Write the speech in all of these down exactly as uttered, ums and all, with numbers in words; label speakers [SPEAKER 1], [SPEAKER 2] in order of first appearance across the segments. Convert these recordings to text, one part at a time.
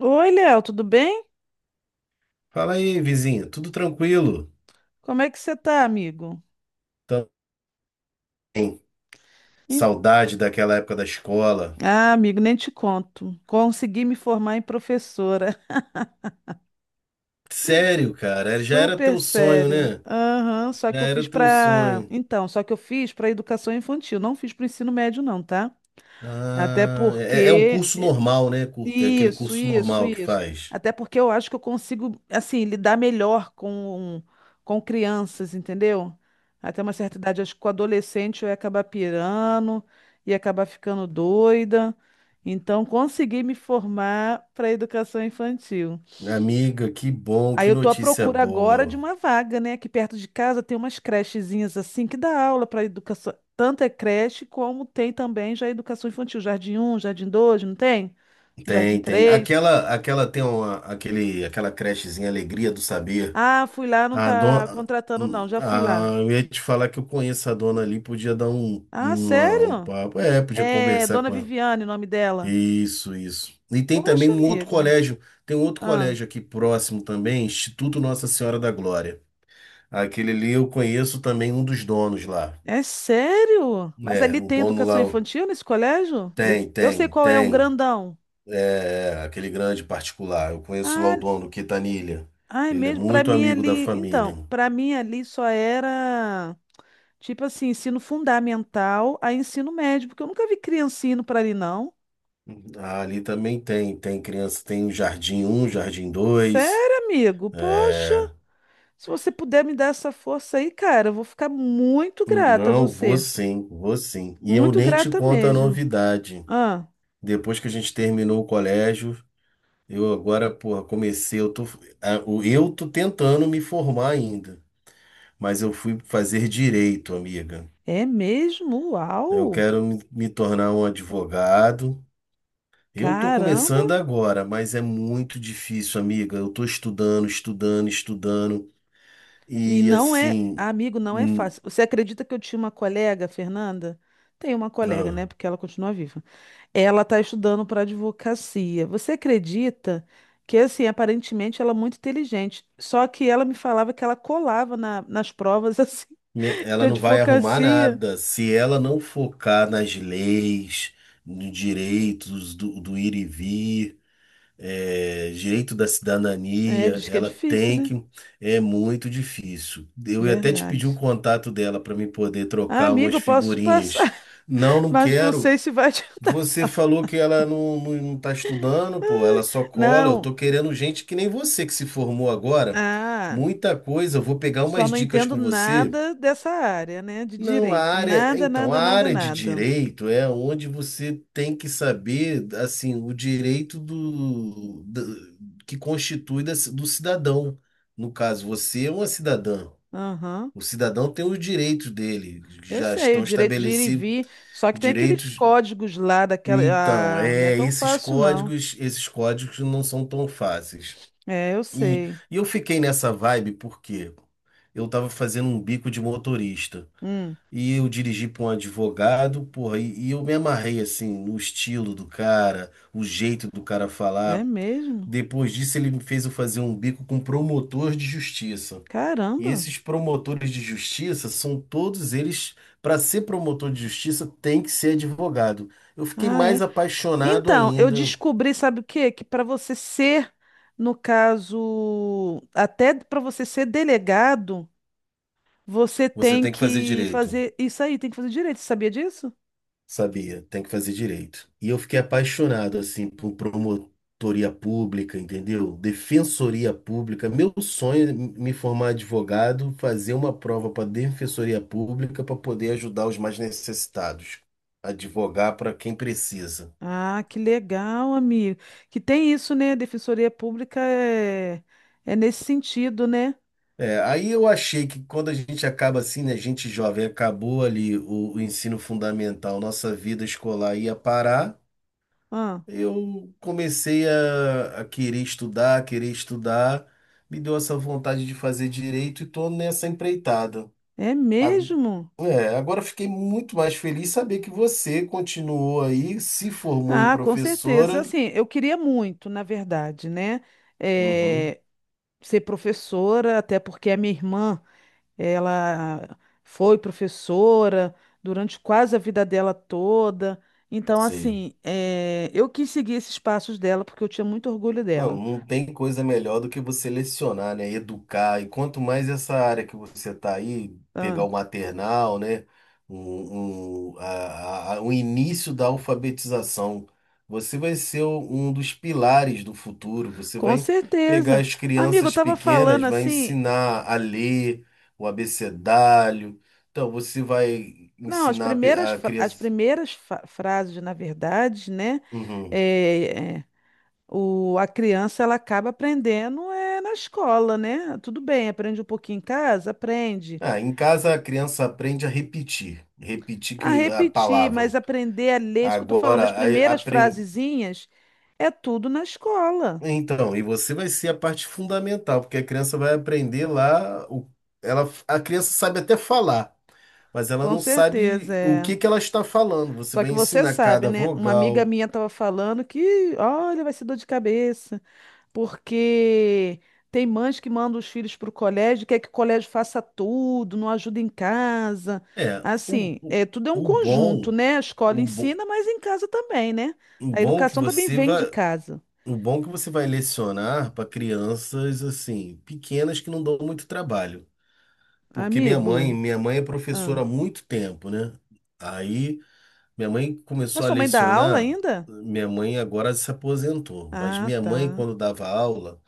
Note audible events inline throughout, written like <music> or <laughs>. [SPEAKER 1] Oi, Léo, tudo bem?
[SPEAKER 2] Fala aí, vizinho, tudo tranquilo?
[SPEAKER 1] Como é que você tá, amigo?
[SPEAKER 2] Também.
[SPEAKER 1] Em-
[SPEAKER 2] Saudade daquela época da escola.
[SPEAKER 1] Ah, amigo, nem te conto. Consegui me formar em professora.
[SPEAKER 2] Sério,
[SPEAKER 1] <laughs>
[SPEAKER 2] cara, era- já era
[SPEAKER 1] Super
[SPEAKER 2] teu sonho,
[SPEAKER 1] sério.
[SPEAKER 2] né?
[SPEAKER 1] Aham, só
[SPEAKER 2] Já
[SPEAKER 1] que eu
[SPEAKER 2] era
[SPEAKER 1] fiz
[SPEAKER 2] teu
[SPEAKER 1] para,
[SPEAKER 2] sonho.
[SPEAKER 1] então, só que eu fiz para educação infantil, não fiz para o ensino médio não, tá? Até
[SPEAKER 2] Ah, é, é um
[SPEAKER 1] porque
[SPEAKER 2] curso normal, né? Cur- é aquele
[SPEAKER 1] Isso,
[SPEAKER 2] curso
[SPEAKER 1] isso,
[SPEAKER 2] normal que
[SPEAKER 1] isso.
[SPEAKER 2] faz.
[SPEAKER 1] Até porque eu acho que eu consigo, assim, lidar melhor com, com crianças, entendeu? Até uma certa idade, acho que com adolescente eu ia acabar pirando, ia acabar ficando doida. Então, consegui me formar para educação infantil.
[SPEAKER 2] Amiga, que bom,
[SPEAKER 1] Aí
[SPEAKER 2] que
[SPEAKER 1] eu tô à
[SPEAKER 2] notícia
[SPEAKER 1] procura agora de
[SPEAKER 2] boa.
[SPEAKER 1] uma vaga, né? Aqui perto de casa tem umas crechezinhas assim que dá aula para educação. Tanto é creche como tem também já educação infantil, jardim um jardim dois não tem? Jardim
[SPEAKER 2] Tem, tem.
[SPEAKER 1] três.
[SPEAKER 2] Aquela, aquela tem uma, aquele, aquela crechezinha Alegria do Saber.
[SPEAKER 1] Ah, fui lá, não
[SPEAKER 2] A
[SPEAKER 1] tá
[SPEAKER 2] dona,
[SPEAKER 1] contratando, não. Já fui lá.
[SPEAKER 2] a, eu ia te falar que eu conheço a dona ali, podia dar um,
[SPEAKER 1] Ah,
[SPEAKER 2] uma- um
[SPEAKER 1] sério?
[SPEAKER 2] papo. É, podia
[SPEAKER 1] É,
[SPEAKER 2] conversar
[SPEAKER 1] Dona
[SPEAKER 2] com ela.
[SPEAKER 1] Viviane, o nome dela.
[SPEAKER 2] Isso, isso. E tem também
[SPEAKER 1] Poxa,
[SPEAKER 2] um outro
[SPEAKER 1] amigo.
[SPEAKER 2] colégio, tem um outro
[SPEAKER 1] Ah,
[SPEAKER 2] colégio aqui próximo também, Instituto Nossa Senhora da Glória. Aquele ali eu conheço também um dos donos lá.
[SPEAKER 1] é sério? Mas
[SPEAKER 2] É,
[SPEAKER 1] ali
[SPEAKER 2] o
[SPEAKER 1] tem
[SPEAKER 2] dono
[SPEAKER 1] educação
[SPEAKER 2] lá o-
[SPEAKER 1] infantil nesse colégio? Nesse-
[SPEAKER 2] tem,
[SPEAKER 1] Eu sei
[SPEAKER 2] tem,
[SPEAKER 1] qual é, um
[SPEAKER 2] tem.
[SPEAKER 1] grandão.
[SPEAKER 2] É, aquele grande particular. Eu conheço lá o
[SPEAKER 1] Ah,
[SPEAKER 2] dono, Quintanilha.
[SPEAKER 1] ai,
[SPEAKER 2] Ele é
[SPEAKER 1] mesmo, para
[SPEAKER 2] muito
[SPEAKER 1] mim
[SPEAKER 2] amigo da
[SPEAKER 1] ali.
[SPEAKER 2] família.
[SPEAKER 1] Então, para mim ali só era tipo assim, ensino fundamental a ensino médio, porque eu nunca vi criancinha indo para ali, não.
[SPEAKER 2] Ah, ali também tem, tem criança, tem o Jardim um Jardim dois.
[SPEAKER 1] Sério, amigo? Poxa.
[SPEAKER 2] É...
[SPEAKER 1] Se você puder me dar essa força aí, cara, eu vou ficar muito grata a
[SPEAKER 2] Não, vou
[SPEAKER 1] você.
[SPEAKER 2] sim, vou sim. E eu
[SPEAKER 1] Muito
[SPEAKER 2] nem te
[SPEAKER 1] grata
[SPEAKER 2] conto a
[SPEAKER 1] mesmo.
[SPEAKER 2] novidade.
[SPEAKER 1] Ah,
[SPEAKER 2] Depois que a gente terminou o colégio, eu agora, porra, comecei, eu tô, ah, o- eu tô tentando me formar ainda, mas eu fui fazer direito, amiga.
[SPEAKER 1] é mesmo?
[SPEAKER 2] Eu
[SPEAKER 1] Uau!
[SPEAKER 2] quero me, me tornar um advogado. Eu tô
[SPEAKER 1] Caramba!
[SPEAKER 2] começando agora, mas é muito difícil, amiga. Eu tô estudando, estudando, estudando.
[SPEAKER 1] E
[SPEAKER 2] E
[SPEAKER 1] não é,
[SPEAKER 2] assim,
[SPEAKER 1] amigo, não é
[SPEAKER 2] hum,
[SPEAKER 1] fácil. Você acredita que eu tinha uma colega, Fernanda? Tem uma colega, né?
[SPEAKER 2] ah,
[SPEAKER 1] Porque ela continua viva. Ela está estudando para advocacia. Você acredita que, assim, aparentemente ela é muito inteligente. Só que ela me falava que ela colava na- nas provas, <laughs> assim,
[SPEAKER 2] me-
[SPEAKER 1] de
[SPEAKER 2] ela não vai arrumar
[SPEAKER 1] advocacia.
[SPEAKER 2] nada se ela não focar nas leis, nos direitos do, do ir e vir, é, direito da
[SPEAKER 1] É,
[SPEAKER 2] cidadania.
[SPEAKER 1] diz que é
[SPEAKER 2] Ela
[SPEAKER 1] difícil,
[SPEAKER 2] tem
[SPEAKER 1] né?
[SPEAKER 2] que. É muito difícil. Eu ia até te pedir o
[SPEAKER 1] Verdade.
[SPEAKER 2] contato dela para me poder
[SPEAKER 1] Ah,
[SPEAKER 2] trocar
[SPEAKER 1] amigo,
[SPEAKER 2] umas
[SPEAKER 1] eu posso te passar,
[SPEAKER 2] figurinhas. Não,
[SPEAKER 1] <laughs>
[SPEAKER 2] não
[SPEAKER 1] mas não
[SPEAKER 2] quero.
[SPEAKER 1] sei se vai te ajudar.
[SPEAKER 2] Você falou que ela não, não, não tá estudando, pô, ela só cola. Eu
[SPEAKER 1] Não.
[SPEAKER 2] tô querendo gente que nem você que se formou agora.
[SPEAKER 1] Ah,
[SPEAKER 2] Muita coisa, eu vou pegar
[SPEAKER 1] só
[SPEAKER 2] umas
[SPEAKER 1] não
[SPEAKER 2] dicas
[SPEAKER 1] entendo
[SPEAKER 2] com você.
[SPEAKER 1] nada dessa área, né, de
[SPEAKER 2] Não, a
[SPEAKER 1] direito.
[SPEAKER 2] área,
[SPEAKER 1] Nada,
[SPEAKER 2] então, a
[SPEAKER 1] nada, nada,
[SPEAKER 2] área de
[SPEAKER 1] nada.
[SPEAKER 2] direito é onde você tem que saber, assim, o direito do, do- que constitui da- do cidadão. No caso, você é uma cidadã.
[SPEAKER 1] Aham.
[SPEAKER 2] O cidadão tem os direitos dele,
[SPEAKER 1] Eu
[SPEAKER 2] já
[SPEAKER 1] sei, o
[SPEAKER 2] estão
[SPEAKER 1] direito de ir e
[SPEAKER 2] estabelecidos
[SPEAKER 1] vir, só que tem aqueles
[SPEAKER 2] direitos.
[SPEAKER 1] códigos lá daquela,
[SPEAKER 2] Então,
[SPEAKER 1] ah, não é
[SPEAKER 2] é,
[SPEAKER 1] tão
[SPEAKER 2] esses
[SPEAKER 1] fácil não.
[SPEAKER 2] códigos, esses códigos não são tão fáceis.
[SPEAKER 1] É, eu
[SPEAKER 2] E,
[SPEAKER 1] sei.
[SPEAKER 2] e eu fiquei nessa vibe porque eu estava fazendo um bico de motorista
[SPEAKER 1] Hum,
[SPEAKER 2] e eu dirigi para um advogado, porra, e, e eu me amarrei assim no estilo do cara, o jeito do cara
[SPEAKER 1] é
[SPEAKER 2] falar.
[SPEAKER 1] mesmo?
[SPEAKER 2] Depois disso, ele me fez eu fazer um bico com promotor de justiça. E
[SPEAKER 1] Caramba.
[SPEAKER 2] esses promotores de justiça são todos eles, para ser promotor de justiça, tem que ser advogado. Eu fiquei
[SPEAKER 1] Ah,
[SPEAKER 2] mais
[SPEAKER 1] é.
[SPEAKER 2] apaixonado
[SPEAKER 1] Então, eu
[SPEAKER 2] ainda.
[SPEAKER 1] descobri, sabe o quê? Que para você ser, no caso, até para você ser delegado, você
[SPEAKER 2] Você
[SPEAKER 1] tem
[SPEAKER 2] tem que fazer
[SPEAKER 1] que
[SPEAKER 2] direito,
[SPEAKER 1] fazer isso aí, tem que fazer direito. Você sabia disso?
[SPEAKER 2] sabia? Tem que fazer direito. E eu fiquei apaixonado, assim, por promotoria pública, entendeu? Defensoria pública. Meu sonho é me formar advogado, fazer uma prova para defensoria pública para poder ajudar os mais necessitados, advogar para quem precisa.
[SPEAKER 1] Ah, que legal, amigo. Que tem isso, né? A Defensoria Pública é, é nesse sentido, né?
[SPEAKER 2] É, aí eu achei que quando a gente acaba assim, né, gente jovem, acabou ali o, o ensino fundamental, nossa vida escolar ia parar,
[SPEAKER 1] Ah,
[SPEAKER 2] eu comecei a, a querer estudar, a querer estudar, me deu essa vontade de fazer direito e tô nessa empreitada.
[SPEAKER 1] é
[SPEAKER 2] A-
[SPEAKER 1] mesmo?
[SPEAKER 2] É, agora fiquei muito mais feliz saber que você continuou aí, se formou em
[SPEAKER 1] Ah, com certeza.
[SPEAKER 2] professora.
[SPEAKER 1] Assim, eu queria muito, na verdade, né?
[SPEAKER 2] Uhum,
[SPEAKER 1] eh, ser professora, até porque a minha irmã. Ela foi professora durante quase a vida dela toda. Então,
[SPEAKER 2] sei.
[SPEAKER 1] assim, eh, eu quis seguir esses passos dela porque eu tinha muito orgulho
[SPEAKER 2] Não,
[SPEAKER 1] dela.
[SPEAKER 2] não tem coisa melhor do que você lecionar, né? Educar. E quanto mais essa área que você tá aí, pegar
[SPEAKER 1] Tá?
[SPEAKER 2] o maternal, né? Um, um, a- a- o início da alfabetização. Você vai ser o- um dos pilares do futuro. Você
[SPEAKER 1] Com
[SPEAKER 2] vai pegar
[SPEAKER 1] certeza.
[SPEAKER 2] as
[SPEAKER 1] Amigo, eu
[SPEAKER 2] crianças
[SPEAKER 1] estava
[SPEAKER 2] pequenas,
[SPEAKER 1] falando
[SPEAKER 2] vai
[SPEAKER 1] assim.
[SPEAKER 2] ensinar a ler o abecedário. Então, você vai
[SPEAKER 1] Não, as
[SPEAKER 2] ensinar a pe-
[SPEAKER 1] primeiras,
[SPEAKER 2] a
[SPEAKER 1] fra- as
[SPEAKER 2] criança.
[SPEAKER 1] primeiras fa- frases, na verdade, né?
[SPEAKER 2] Uhum.
[SPEAKER 1] eh, eh, o, a criança ela acaba aprendendo é, na escola, né? Tudo bem, aprende um pouquinho em casa, aprende.
[SPEAKER 2] Ah, em casa a criança aprende a repetir, repetir
[SPEAKER 1] A
[SPEAKER 2] que a
[SPEAKER 1] repetir,
[SPEAKER 2] palavra.
[SPEAKER 1] mas aprender a ler, isso que eu estou falando, as
[SPEAKER 2] Agora,
[SPEAKER 1] primeiras
[SPEAKER 2] aprende.
[SPEAKER 1] frasezinhas é tudo na escola.
[SPEAKER 2] Então, e você vai ser a parte fundamental, porque a criança vai aprender lá, o- ela, a criança sabe até falar, mas ela
[SPEAKER 1] Com
[SPEAKER 2] não
[SPEAKER 1] certeza,
[SPEAKER 2] sabe o
[SPEAKER 1] é.
[SPEAKER 2] que que ela está falando. Você
[SPEAKER 1] Só
[SPEAKER 2] vai
[SPEAKER 1] que você
[SPEAKER 2] ensinar
[SPEAKER 1] sabe,
[SPEAKER 2] cada
[SPEAKER 1] né? Uma amiga
[SPEAKER 2] vogal.
[SPEAKER 1] minha estava falando que, olha, vai ser dor de cabeça, porque tem mães que mandam os filhos para o colégio, quer que o colégio faça tudo, não ajuda em casa.
[SPEAKER 2] É, o,
[SPEAKER 1] Assim,
[SPEAKER 2] o,
[SPEAKER 1] é, tudo é um
[SPEAKER 2] o
[SPEAKER 1] conjunto,
[SPEAKER 2] bom,
[SPEAKER 1] né? A escola
[SPEAKER 2] o bom,
[SPEAKER 1] ensina, mas em casa também, né?
[SPEAKER 2] o
[SPEAKER 1] A
[SPEAKER 2] bom que
[SPEAKER 1] educação também
[SPEAKER 2] você
[SPEAKER 1] vem
[SPEAKER 2] vai,
[SPEAKER 1] de casa.
[SPEAKER 2] o bom que você vai lecionar para crianças assim, pequenas que não dão muito trabalho. Porque minha mãe,
[SPEAKER 1] Amigo,
[SPEAKER 2] minha mãe é
[SPEAKER 1] ah.
[SPEAKER 2] professora há muito tempo, né? Aí, minha mãe
[SPEAKER 1] Mas
[SPEAKER 2] começou a
[SPEAKER 1] sua mãe dá aula
[SPEAKER 2] lecionar.
[SPEAKER 1] ainda?
[SPEAKER 2] Minha mãe agora se aposentou, mas
[SPEAKER 1] Ah,
[SPEAKER 2] minha mãe,
[SPEAKER 1] tá.
[SPEAKER 2] quando dava aula,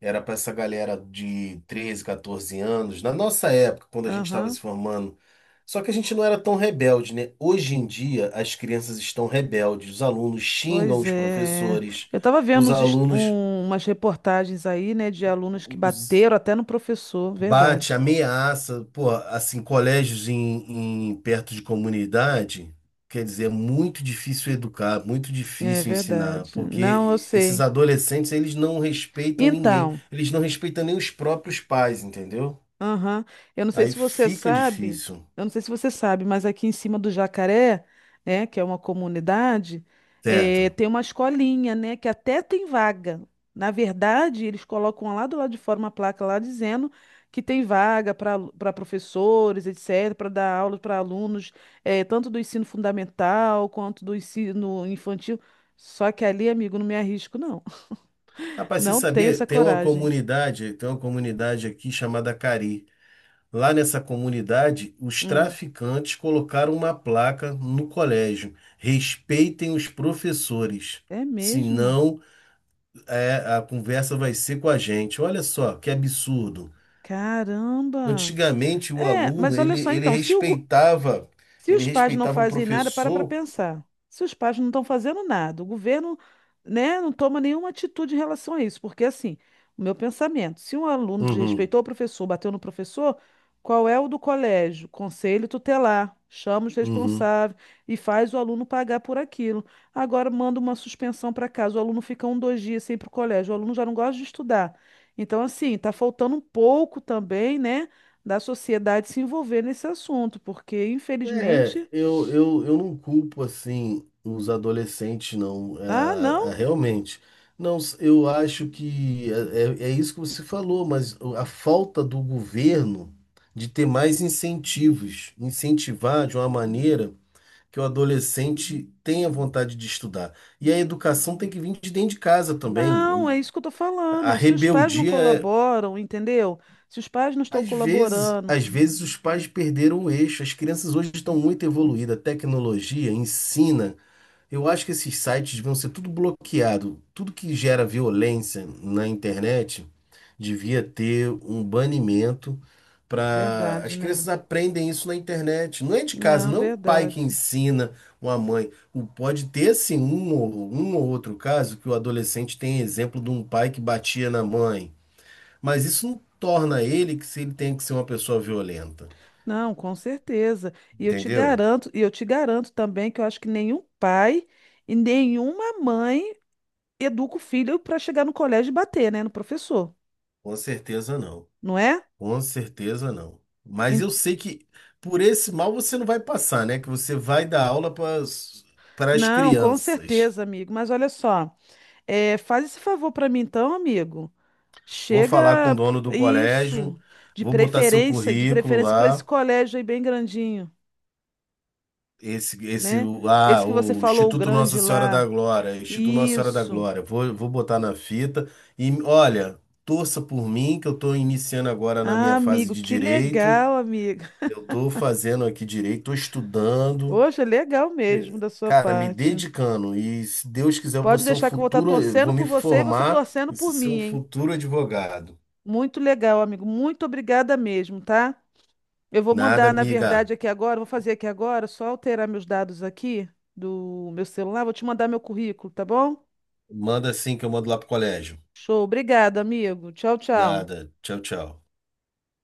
[SPEAKER 2] era para essa galera de treze quatorze anos, na nossa época, quando a gente estava
[SPEAKER 1] Aham.
[SPEAKER 2] se formando. Só que a gente não era tão rebelde, né? Hoje em dia, as crianças estão rebeldes, os alunos xingam
[SPEAKER 1] Pois
[SPEAKER 2] os
[SPEAKER 1] é.
[SPEAKER 2] professores,
[SPEAKER 1] Eu estava vendo
[SPEAKER 2] os
[SPEAKER 1] uns est-
[SPEAKER 2] alunos.
[SPEAKER 1] um- umas reportagens aí, né, de alunos que bateram até no professor,
[SPEAKER 2] Bate,
[SPEAKER 1] verdade.
[SPEAKER 2] ameaça, pô, assim, colégios em, em- perto de comunidade, quer dizer, é muito difícil educar, muito
[SPEAKER 1] É
[SPEAKER 2] difícil ensinar,
[SPEAKER 1] verdade. Não, eu
[SPEAKER 2] porque esses
[SPEAKER 1] sei.
[SPEAKER 2] adolescentes, eles não respeitam ninguém,
[SPEAKER 1] Então.
[SPEAKER 2] eles não respeitam nem os próprios pais, entendeu?
[SPEAKER 1] Aham. Eu não sei
[SPEAKER 2] Aí
[SPEAKER 1] se você
[SPEAKER 2] fica
[SPEAKER 1] sabe,
[SPEAKER 2] difícil,
[SPEAKER 1] eu não sei se você sabe, mas aqui em cima do Jacaré, né, que é uma comunidade, eh,
[SPEAKER 2] certo?
[SPEAKER 1] tem uma escolinha, né, que até tem vaga. Na verdade, eles colocam lá do lado de fora uma placa lá dizendo que tem vaga para para professores, etecetera, para dar aula para alunos, eh, tanto do ensino fundamental quanto do ensino infantil. Só que ali, amigo, não me arrisco, não. <laughs>
[SPEAKER 2] Rapaz, você
[SPEAKER 1] Não tenho
[SPEAKER 2] sabia,
[SPEAKER 1] essa
[SPEAKER 2] tem uma
[SPEAKER 1] coragem.
[SPEAKER 2] comunidade, tem uma comunidade aqui chamada Cari. Lá nessa comunidade, os
[SPEAKER 1] Hum,
[SPEAKER 2] traficantes colocaram uma placa no colégio: respeitem os professores,
[SPEAKER 1] é mesmo?
[SPEAKER 2] senão é, a conversa vai ser com a gente. Olha só que absurdo.
[SPEAKER 1] Caramba!
[SPEAKER 2] Antigamente o
[SPEAKER 1] É,
[SPEAKER 2] aluno
[SPEAKER 1] mas olha
[SPEAKER 2] ele,
[SPEAKER 1] só
[SPEAKER 2] ele
[SPEAKER 1] então, se, o go-
[SPEAKER 2] respeitava
[SPEAKER 1] se
[SPEAKER 2] ele
[SPEAKER 1] os pais não
[SPEAKER 2] respeitava o
[SPEAKER 1] fazem nada, para para
[SPEAKER 2] professor.
[SPEAKER 1] pensar. Se os pais não estão fazendo nada, o governo, né, não toma nenhuma atitude em relação a isso, porque assim, o meu pensamento, se um aluno
[SPEAKER 2] Uhum,
[SPEAKER 1] desrespeitou o professor, bateu no professor, qual é o do colégio? Conselho tutelar, chama os
[SPEAKER 2] uhum.
[SPEAKER 1] responsáveis e faz o aluno pagar por aquilo. Agora manda uma suspensão para casa, o aluno fica um, dois dias sem ir para o colégio, o aluno já não gosta de estudar. Então, assim, está faltando um pouco também, né? Da sociedade se envolver nesse assunto, porque infelizmente,
[SPEAKER 2] É, eu, eu, eu não culpo assim os adolescentes, não.
[SPEAKER 1] ah,
[SPEAKER 2] Ah,
[SPEAKER 1] não,
[SPEAKER 2] ah, realmente. Não, s- eu acho que é, é é isso que você falou, mas o- a falta do governo de ter mais incentivos, incentivar de uma maneira que o adolescente tenha vontade de estudar. E a educação tem que vir de dentro de casa também.
[SPEAKER 1] não, é
[SPEAKER 2] O-
[SPEAKER 1] isso que eu tô
[SPEAKER 2] A
[SPEAKER 1] falando. Se os pais não
[SPEAKER 2] rebeldia é,
[SPEAKER 1] colaboram, entendeu? Se os pais não estão
[SPEAKER 2] às vezes,
[SPEAKER 1] colaborando,
[SPEAKER 2] às vezes os pais perderam o eixo. As crianças hoje estão muito evoluídas, a tecnologia ensina. Eu acho que esses sites deviam ser tudo bloqueado. Tudo que gera violência na internet devia ter um banimento para
[SPEAKER 1] verdade,
[SPEAKER 2] as crianças
[SPEAKER 1] né?
[SPEAKER 2] aprendem isso na internet. Não é de casa,
[SPEAKER 1] Não,
[SPEAKER 2] não é um pai que
[SPEAKER 1] verdade.
[SPEAKER 2] ensina uma mãe. O- Pode ter sim um ou, um ou outro caso que o adolescente tem exemplo de um pai que batia na mãe, mas isso não torna ele que se ele tem que ser uma pessoa violenta,
[SPEAKER 1] Não, com certeza. E eu te
[SPEAKER 2] entendeu?
[SPEAKER 1] garanto, e eu te garanto também que eu acho que nenhum pai e nenhuma mãe educa o filho para chegar no colégio e bater, né, no professor,
[SPEAKER 2] Com certeza não.
[SPEAKER 1] não é?
[SPEAKER 2] Com certeza não. Mas
[SPEAKER 1] En-
[SPEAKER 2] eu sei que por esse mal você não vai passar, né? Que você vai dar aula para as
[SPEAKER 1] Não, com
[SPEAKER 2] crianças.
[SPEAKER 1] certeza, amigo. Mas olha só. É, faz esse favor pra mim então, amigo.
[SPEAKER 2] Vou falar com o
[SPEAKER 1] Chega
[SPEAKER 2] dono do colégio,
[SPEAKER 1] isso, de
[SPEAKER 2] vou botar seu
[SPEAKER 1] preferência, de
[SPEAKER 2] currículo
[SPEAKER 1] preferência para esse
[SPEAKER 2] lá.
[SPEAKER 1] colégio aí bem grandinho,
[SPEAKER 2] Esse, esse,
[SPEAKER 1] né? Esse
[SPEAKER 2] ah,
[SPEAKER 1] que você
[SPEAKER 2] o
[SPEAKER 1] falou, o
[SPEAKER 2] Instituto Nossa
[SPEAKER 1] grande
[SPEAKER 2] Senhora da
[SPEAKER 1] lá.
[SPEAKER 2] Glória, Instituto Nossa Senhora da
[SPEAKER 1] Isso.
[SPEAKER 2] Glória, vou, vou botar na fita e olha, torça por mim que eu estou iniciando agora na minha
[SPEAKER 1] Ah,
[SPEAKER 2] fase
[SPEAKER 1] amigo,
[SPEAKER 2] de
[SPEAKER 1] que
[SPEAKER 2] direito,
[SPEAKER 1] legal, amiga.
[SPEAKER 2] eu estou fazendo aqui direito, estou estudando,
[SPEAKER 1] Hoje é legal mesmo
[SPEAKER 2] eh,
[SPEAKER 1] da sua
[SPEAKER 2] cara, me
[SPEAKER 1] parte.
[SPEAKER 2] dedicando e se Deus quiser eu vou
[SPEAKER 1] Pode
[SPEAKER 2] ser um
[SPEAKER 1] deixar que eu vou estar
[SPEAKER 2] futuro, eu vou
[SPEAKER 1] torcendo
[SPEAKER 2] me
[SPEAKER 1] por você e você
[SPEAKER 2] formar
[SPEAKER 1] torcendo
[SPEAKER 2] e
[SPEAKER 1] por
[SPEAKER 2] ser
[SPEAKER 1] mim,
[SPEAKER 2] um
[SPEAKER 1] hein?
[SPEAKER 2] futuro advogado.
[SPEAKER 1] Muito legal, amigo. Muito obrigada mesmo, tá? Eu vou
[SPEAKER 2] Nada,
[SPEAKER 1] mandar, na verdade,
[SPEAKER 2] amiga,
[SPEAKER 1] aqui agora, vou fazer aqui agora, só alterar meus dados aqui do meu celular, vou te mandar meu currículo, tá bom?
[SPEAKER 2] manda assim que eu mando lá pro colégio.
[SPEAKER 1] Show, obrigado, amigo. Tchau, tchau.
[SPEAKER 2] Nada, tchau, tchau.